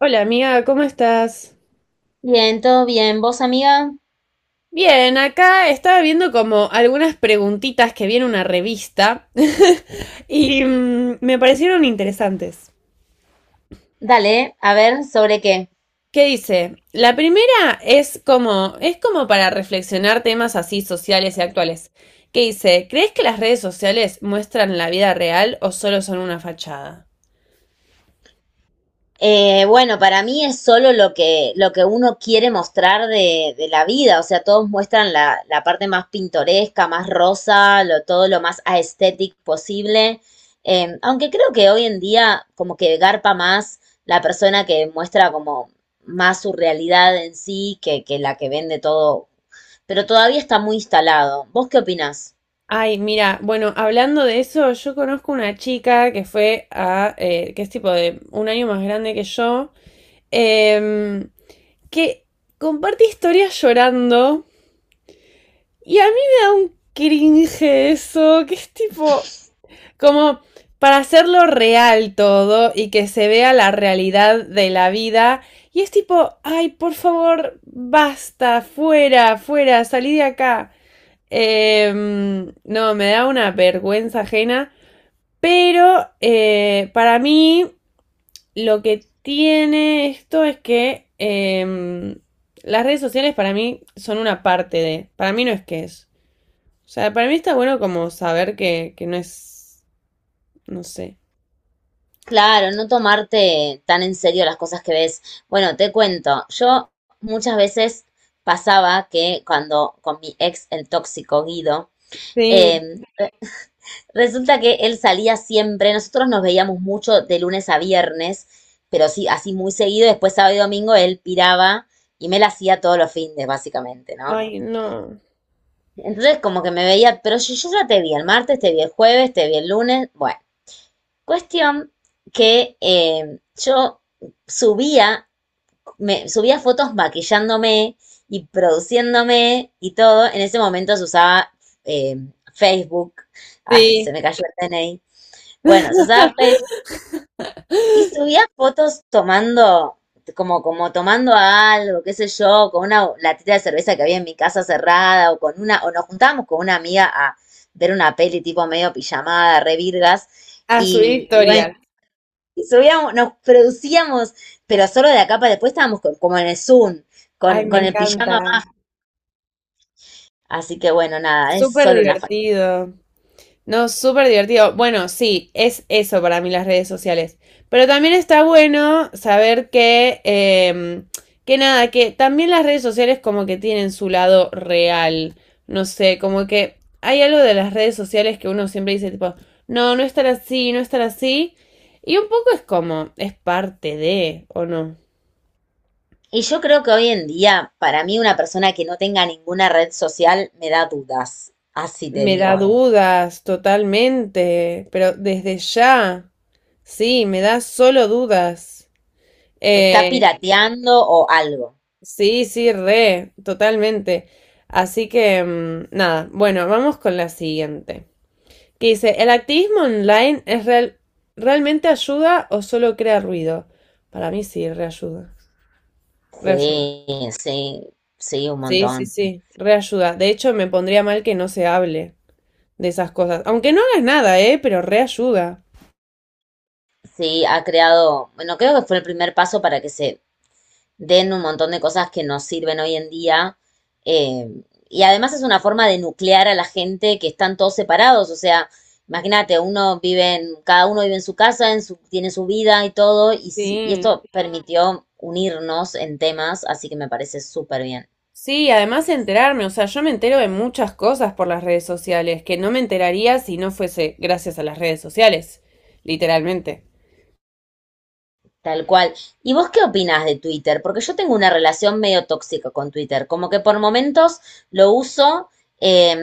Hola amiga, ¿cómo estás? Bien, todo bien. ¿Vos, amiga? Bien, acá estaba viendo como algunas preguntitas que viene una revista y me parecieron interesantes. Dale, a ver, ¿sobre qué? ¿Qué dice? La primera es como para reflexionar temas así sociales y actuales. ¿Qué dice? ¿Crees que las redes sociales muestran la vida real o solo son una fachada? Bueno, para mí es solo lo que uno quiere mostrar de la vida, o sea, todos muestran la parte más pintoresca, más rosa, lo, todo lo más aesthetic posible. Aunque creo que hoy en día como que garpa más la persona que muestra como más su realidad en sí que la que vende todo, pero todavía está muy instalado. ¿Vos qué opinás? Ay, mira, bueno, hablando de eso, yo conozco una chica que fue a, que es tipo de un año más grande que yo, em, que comparte historias llorando. Y a mí me da un cringe eso, que es tipo, como para hacerlo real todo y que se vea la realidad de la vida. Y es tipo, ay, por favor, basta, fuera, fuera, salí de acá. No, me da una vergüenza ajena. Pero para mí lo que tiene esto es que las redes sociales para mí son una parte de, para mí no es que es. O sea, para mí está bueno como saber que no es, no sé. Claro, no tomarte tan en serio las cosas que ves. Bueno, te cuento, yo muchas veces pasaba que cuando con mi ex, el tóxico Guido, Sí, eh, resulta que él salía siempre, nosotros nos veíamos mucho de lunes a viernes, pero sí, así muy seguido, después sábado y domingo él piraba y me la hacía todos los fines, básicamente, ¿no? ay, no. Entonces como que me veía, pero yo ya te vi el martes, te vi el jueves, te vi el lunes, bueno. Cuestión que yo subía, subía fotos maquillándome y produciéndome y todo. En ese momento se usaba eh, Facebook. Ay, Sí, se me cayó el DNI. Bueno, se usaba Facebook y subía fotos tomando, como, como tomando algo, qué sé yo, con una latita de cerveza que había en mi casa cerrada, o con una, o nos juntábamos con una amiga a ver una peli tipo medio pijamada, re virgas. a subir Y bueno, historias. subíamos, nos producíamos, pero solo de acá para después estábamos como en el Zoom, Ay, me con el encanta. pijama. Así que bueno, nada, es Súper solo una falta. divertido. No, súper divertido. Bueno, sí, es eso para mí las redes sociales. Pero también está bueno saber que nada, que también las redes sociales como que tienen su lado real. No sé, como que hay algo de las redes sociales que uno siempre dice tipo, no, no estar así, no estar así. Y un poco es como, es parte de, ¿o no? Y yo creo que hoy en día, para mí, una persona que no tenga ninguna red social me da dudas. Así te Me da digo. dudas totalmente, pero desde ya, sí, me da solo dudas. Está Eh, pirateando o algo. Sí, sí, re, totalmente. Así que, nada, bueno, vamos con la siguiente. Que dice, ¿el activismo online realmente ayuda o solo crea ruido? Para mí sí, reayuda. Reayuda. Sí, sí, sí, un Sí, sí, montón. sí, reayuda. De hecho, me pondría mal que no se hable de esas cosas. Aunque no hagas nada, ¿eh? Pero reayuda. Sí, ha creado, bueno, creo que fue el primer paso para que se den un montón de cosas que nos sirven hoy en día. eh, y además es una forma de nuclear a la gente que están todos separados. O sea, imagínate, uno vive en, cada uno vive en su casa, en su, tiene su vida y todo, y, y Sí. esto permitió unirnos en temas, así que me parece súper bien. Sí, además enterarme, o sea, yo me entero de muchas cosas por las redes sociales, que no me enteraría si no fuese gracias a las redes sociales, literalmente. Tal cual. ¿Y vos qué opinás de Twitter? Porque yo tengo una relación medio tóxica con Twitter, como que por momentos lo uso, eh,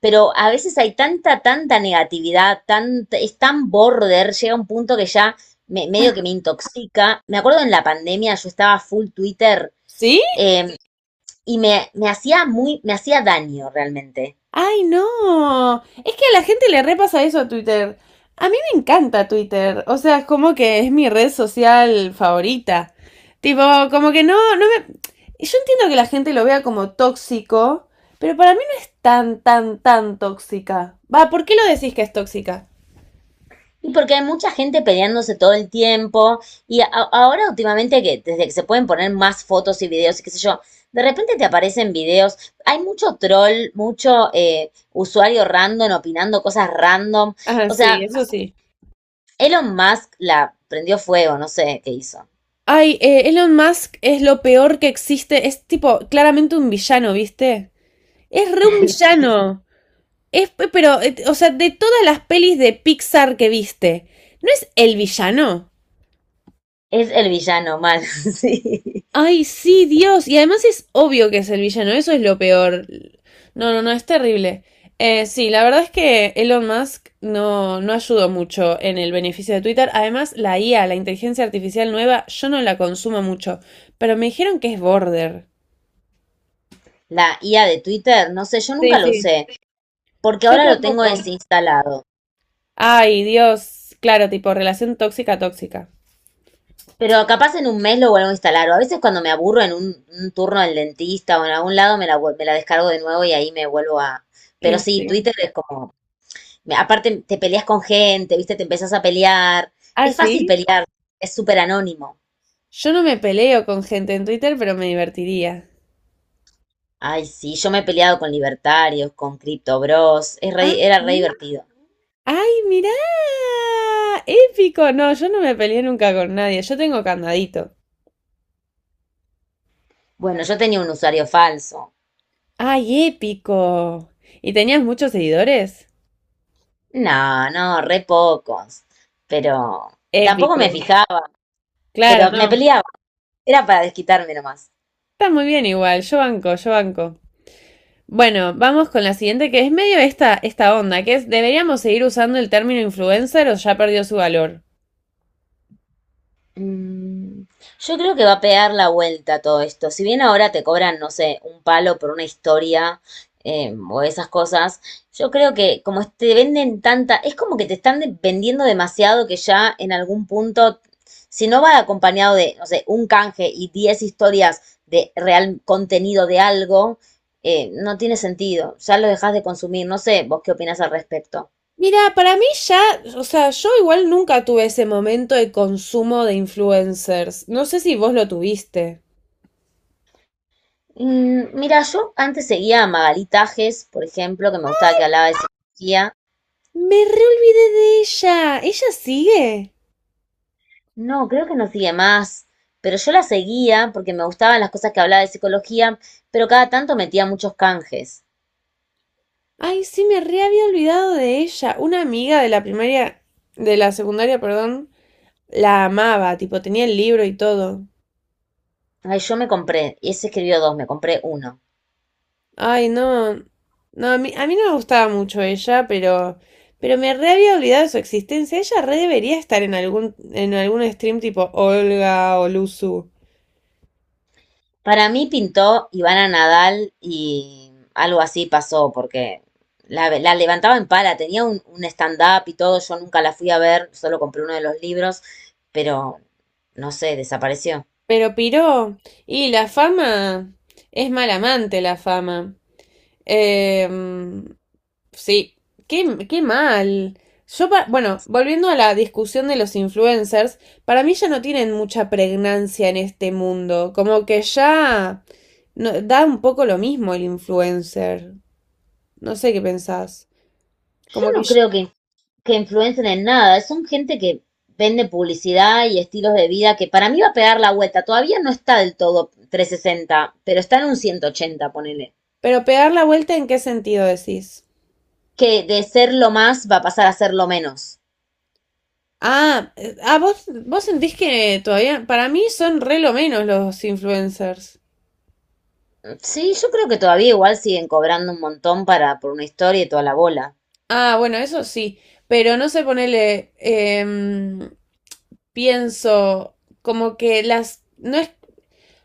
pero a veces hay tanta negatividad, tan, es tan border, llega un punto que ya medio que me intoxica. Me acuerdo en la pandemia yo estaba full Twitter ¿Sí? eh, y me hacía muy, me hacía daño realmente. Ay, no. Es que a la gente le repasa eso a Twitter. A mí me encanta Twitter, o sea, es como que es mi red social favorita. Tipo, como que no, no me... Yo entiendo que la gente lo vea como tóxico, pero para mí no es tan tóxica. Va, ¿por qué lo decís que es tóxica? Y porque hay mucha gente peleándose todo el tiempo y ahora últimamente que desde que se pueden poner más fotos y videos y qué sé yo, de repente te aparecen videos, hay mucho troll, mucho usuario random opinando cosas random, Ah, o sí, sea, eso sí. Elon Musk la prendió fuego, no sé qué hizo. Ay, Elon Musk es lo peor que existe. Es tipo, claramente un villano, ¿viste? Es re un villano. Es, pero, o sea, de todas las pelis de Pixar que viste, ¿no es el villano? Es el villano mal, sí. Ay, sí, Dios. Y además es obvio que es el villano. Eso es lo peor. No, no, no, es terrible. Sí, la verdad es que Elon Musk no, no ayudó mucho en el beneficio de Twitter. Además, la IA, la inteligencia artificial nueva, yo no la consumo mucho. Pero me dijeron que es border. La IA de Twitter, no sé, yo Sí, nunca lo sí. usé porque Yo ahora lo tengo tampoco. desinstalado. Ay, Dios. Claro, tipo relación tóxica, tóxica. Pero capaz en un mes lo vuelvo a instalar. O a veces cuando me aburro en un turno del dentista o en algún lado me la, me la descargo de nuevo y ahí me vuelvo a... Pero Y sí, sí. Twitter es como... Aparte te peleas con gente, ¿viste? Te empezás a pelear. Ah, Es fácil sí. pelear, es súper anónimo. Yo no me peleo con gente en Twitter, pero me divertiría. Ay, sí, yo me he peleado con libertarios, con Crypto Bros. Es Ah, era re sí. divertido. ¡Ay, mirá! ¡Épico! No, yo no me peleé nunca con nadie. Yo tengo candadito. Bueno, yo tenía un usuario falso. ¡Ay, épico! ¿Y tenías muchos seguidores? No, no, re pocos. Pero tampoco Épico. me fijaba, Claro, pero me no. peleaba. Era para desquitarme nomás. Está muy bien igual. Yo banco, yo banco. Bueno, vamos con la siguiente, que es medio esta onda, que es, ¿deberíamos seguir usando el término influencer o ya perdió su valor? Mm, Yo creo que va a pegar la vuelta todo esto. Si bien ahora te cobran, no sé, un palo por una historia o esas cosas, yo creo que como te venden tanta, es como que te están vendiendo demasiado que ya en algún punto, si no va acompañado de, no sé, un canje y 10 historias de real contenido de algo, no tiene sentido. Ya lo dejas de consumir. No sé, vos qué opinas al respecto. Mira, para mí ya, o sea, yo igual nunca tuve ese momento de consumo de influencers. No sé si vos lo tuviste. Mira, yo antes seguía a Magalí Tajes, por ejemplo, que me gustaba que hablaba de psicología. Me reolvidé de ella. ¿Ella sigue? No, creo que no sigue más, pero yo la seguía porque me gustaban las cosas que hablaba de psicología, pero cada tanto metía muchos canjes. Ay, sí, me re había olvidado de ella. Una amiga de la primaria, de la secundaria, perdón, la amaba, tipo, tenía el libro y todo. Ay, yo me compré, y ese escribió dos, me compré uno. Ay, no. No, a mí no me gustaba mucho ella, pero me re había olvidado de su existencia. Ella re debería estar en algún stream tipo Olga o Luzu. Para mí pintó Ivana Nadal y algo así pasó, porque la levantaba en pala, tenía un stand-up y todo, yo nunca la fui a ver, solo compré uno de los libros, pero no sé, desapareció. Pero piró. Y la fama es mal amante, la fama. Em, sí, qué, qué mal. Yo, bueno, volviendo a la discusión de los influencers, para mí ya no tienen mucha pregnancia en este mundo. Como que ya. No, da un poco lo mismo el influencer. No sé qué pensás. Yo Como no que yo... creo que influencen en nada, son gente que vende publicidad y estilos de vida que para mí va a pegar la vuelta. Todavía no está del todo 360, pero está en un 180 ponele. Pero pegar la vuelta, ¿en qué sentido decís? Que de ser lo más va a pasar a ser lo menos. Ah, vos, vos sentís que todavía, para mí son re lo menos los influencers. Sí, yo creo que todavía igual siguen cobrando un montón para, por una historia y toda la bola. Ah, bueno, eso sí, pero no sé ponerle, pienso como que las, no es,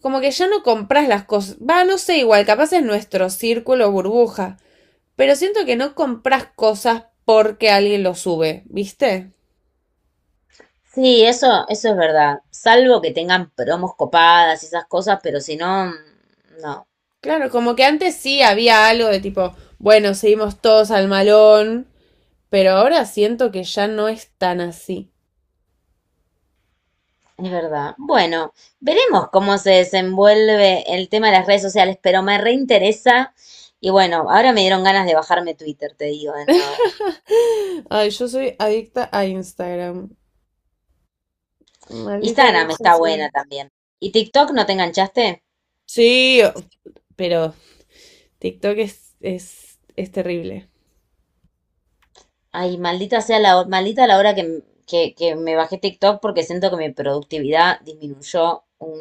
como que ya no compras las cosas, va, no sé, igual, capaz es nuestro círculo burbuja, pero siento que no compras cosas porque alguien lo sube, ¿viste? Sí, eso es verdad. Salvo que tengan promos copadas y esas cosas, pero si no, no. Claro, como que antes sí había algo de tipo, bueno, seguimos todos al malón, pero ahora siento que ya no es tan así. Es verdad. Bueno, veremos cómo se desenvuelve el tema de las redes sociales, pero me reinteresa. Y bueno, ahora me dieron ganas de bajarme Twitter, te digo de nuevo. Ay, yo soy adicta a Instagram. Maldita red Instagram está social. buena también. ¿Y TikTok no te enganchaste? Sí, pero TikTok es terrible. Ay, maldita sea la, maldita la hora que, que me bajé TikTok porque siento que mi productividad disminuyó un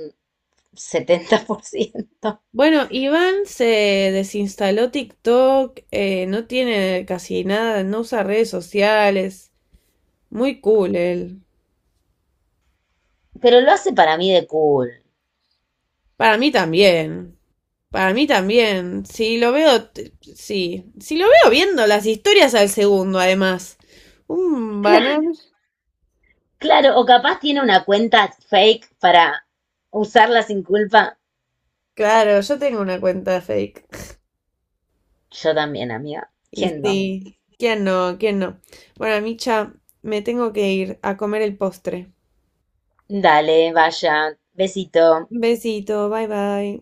70%. Bueno, Iván se desinstaló TikTok, no tiene casi nada, no usa redes sociales. Muy cool él. Pero lo hace para mí de cool. Para mí también. Para mí también. Si lo veo, sí. Si lo veo viendo las historias al segundo, además. Un banner. Cla- Claro, o capaz tiene una cuenta fake para usarla sin culpa. Claro, yo tengo una cuenta fake. Yo también, amiga. Y ¿Quién no? sí. ¿Quién no? ¿Quién no? Bueno, Micha, me tengo que ir a comer el postre. Dale, vaya. Besito. Besito, bye bye.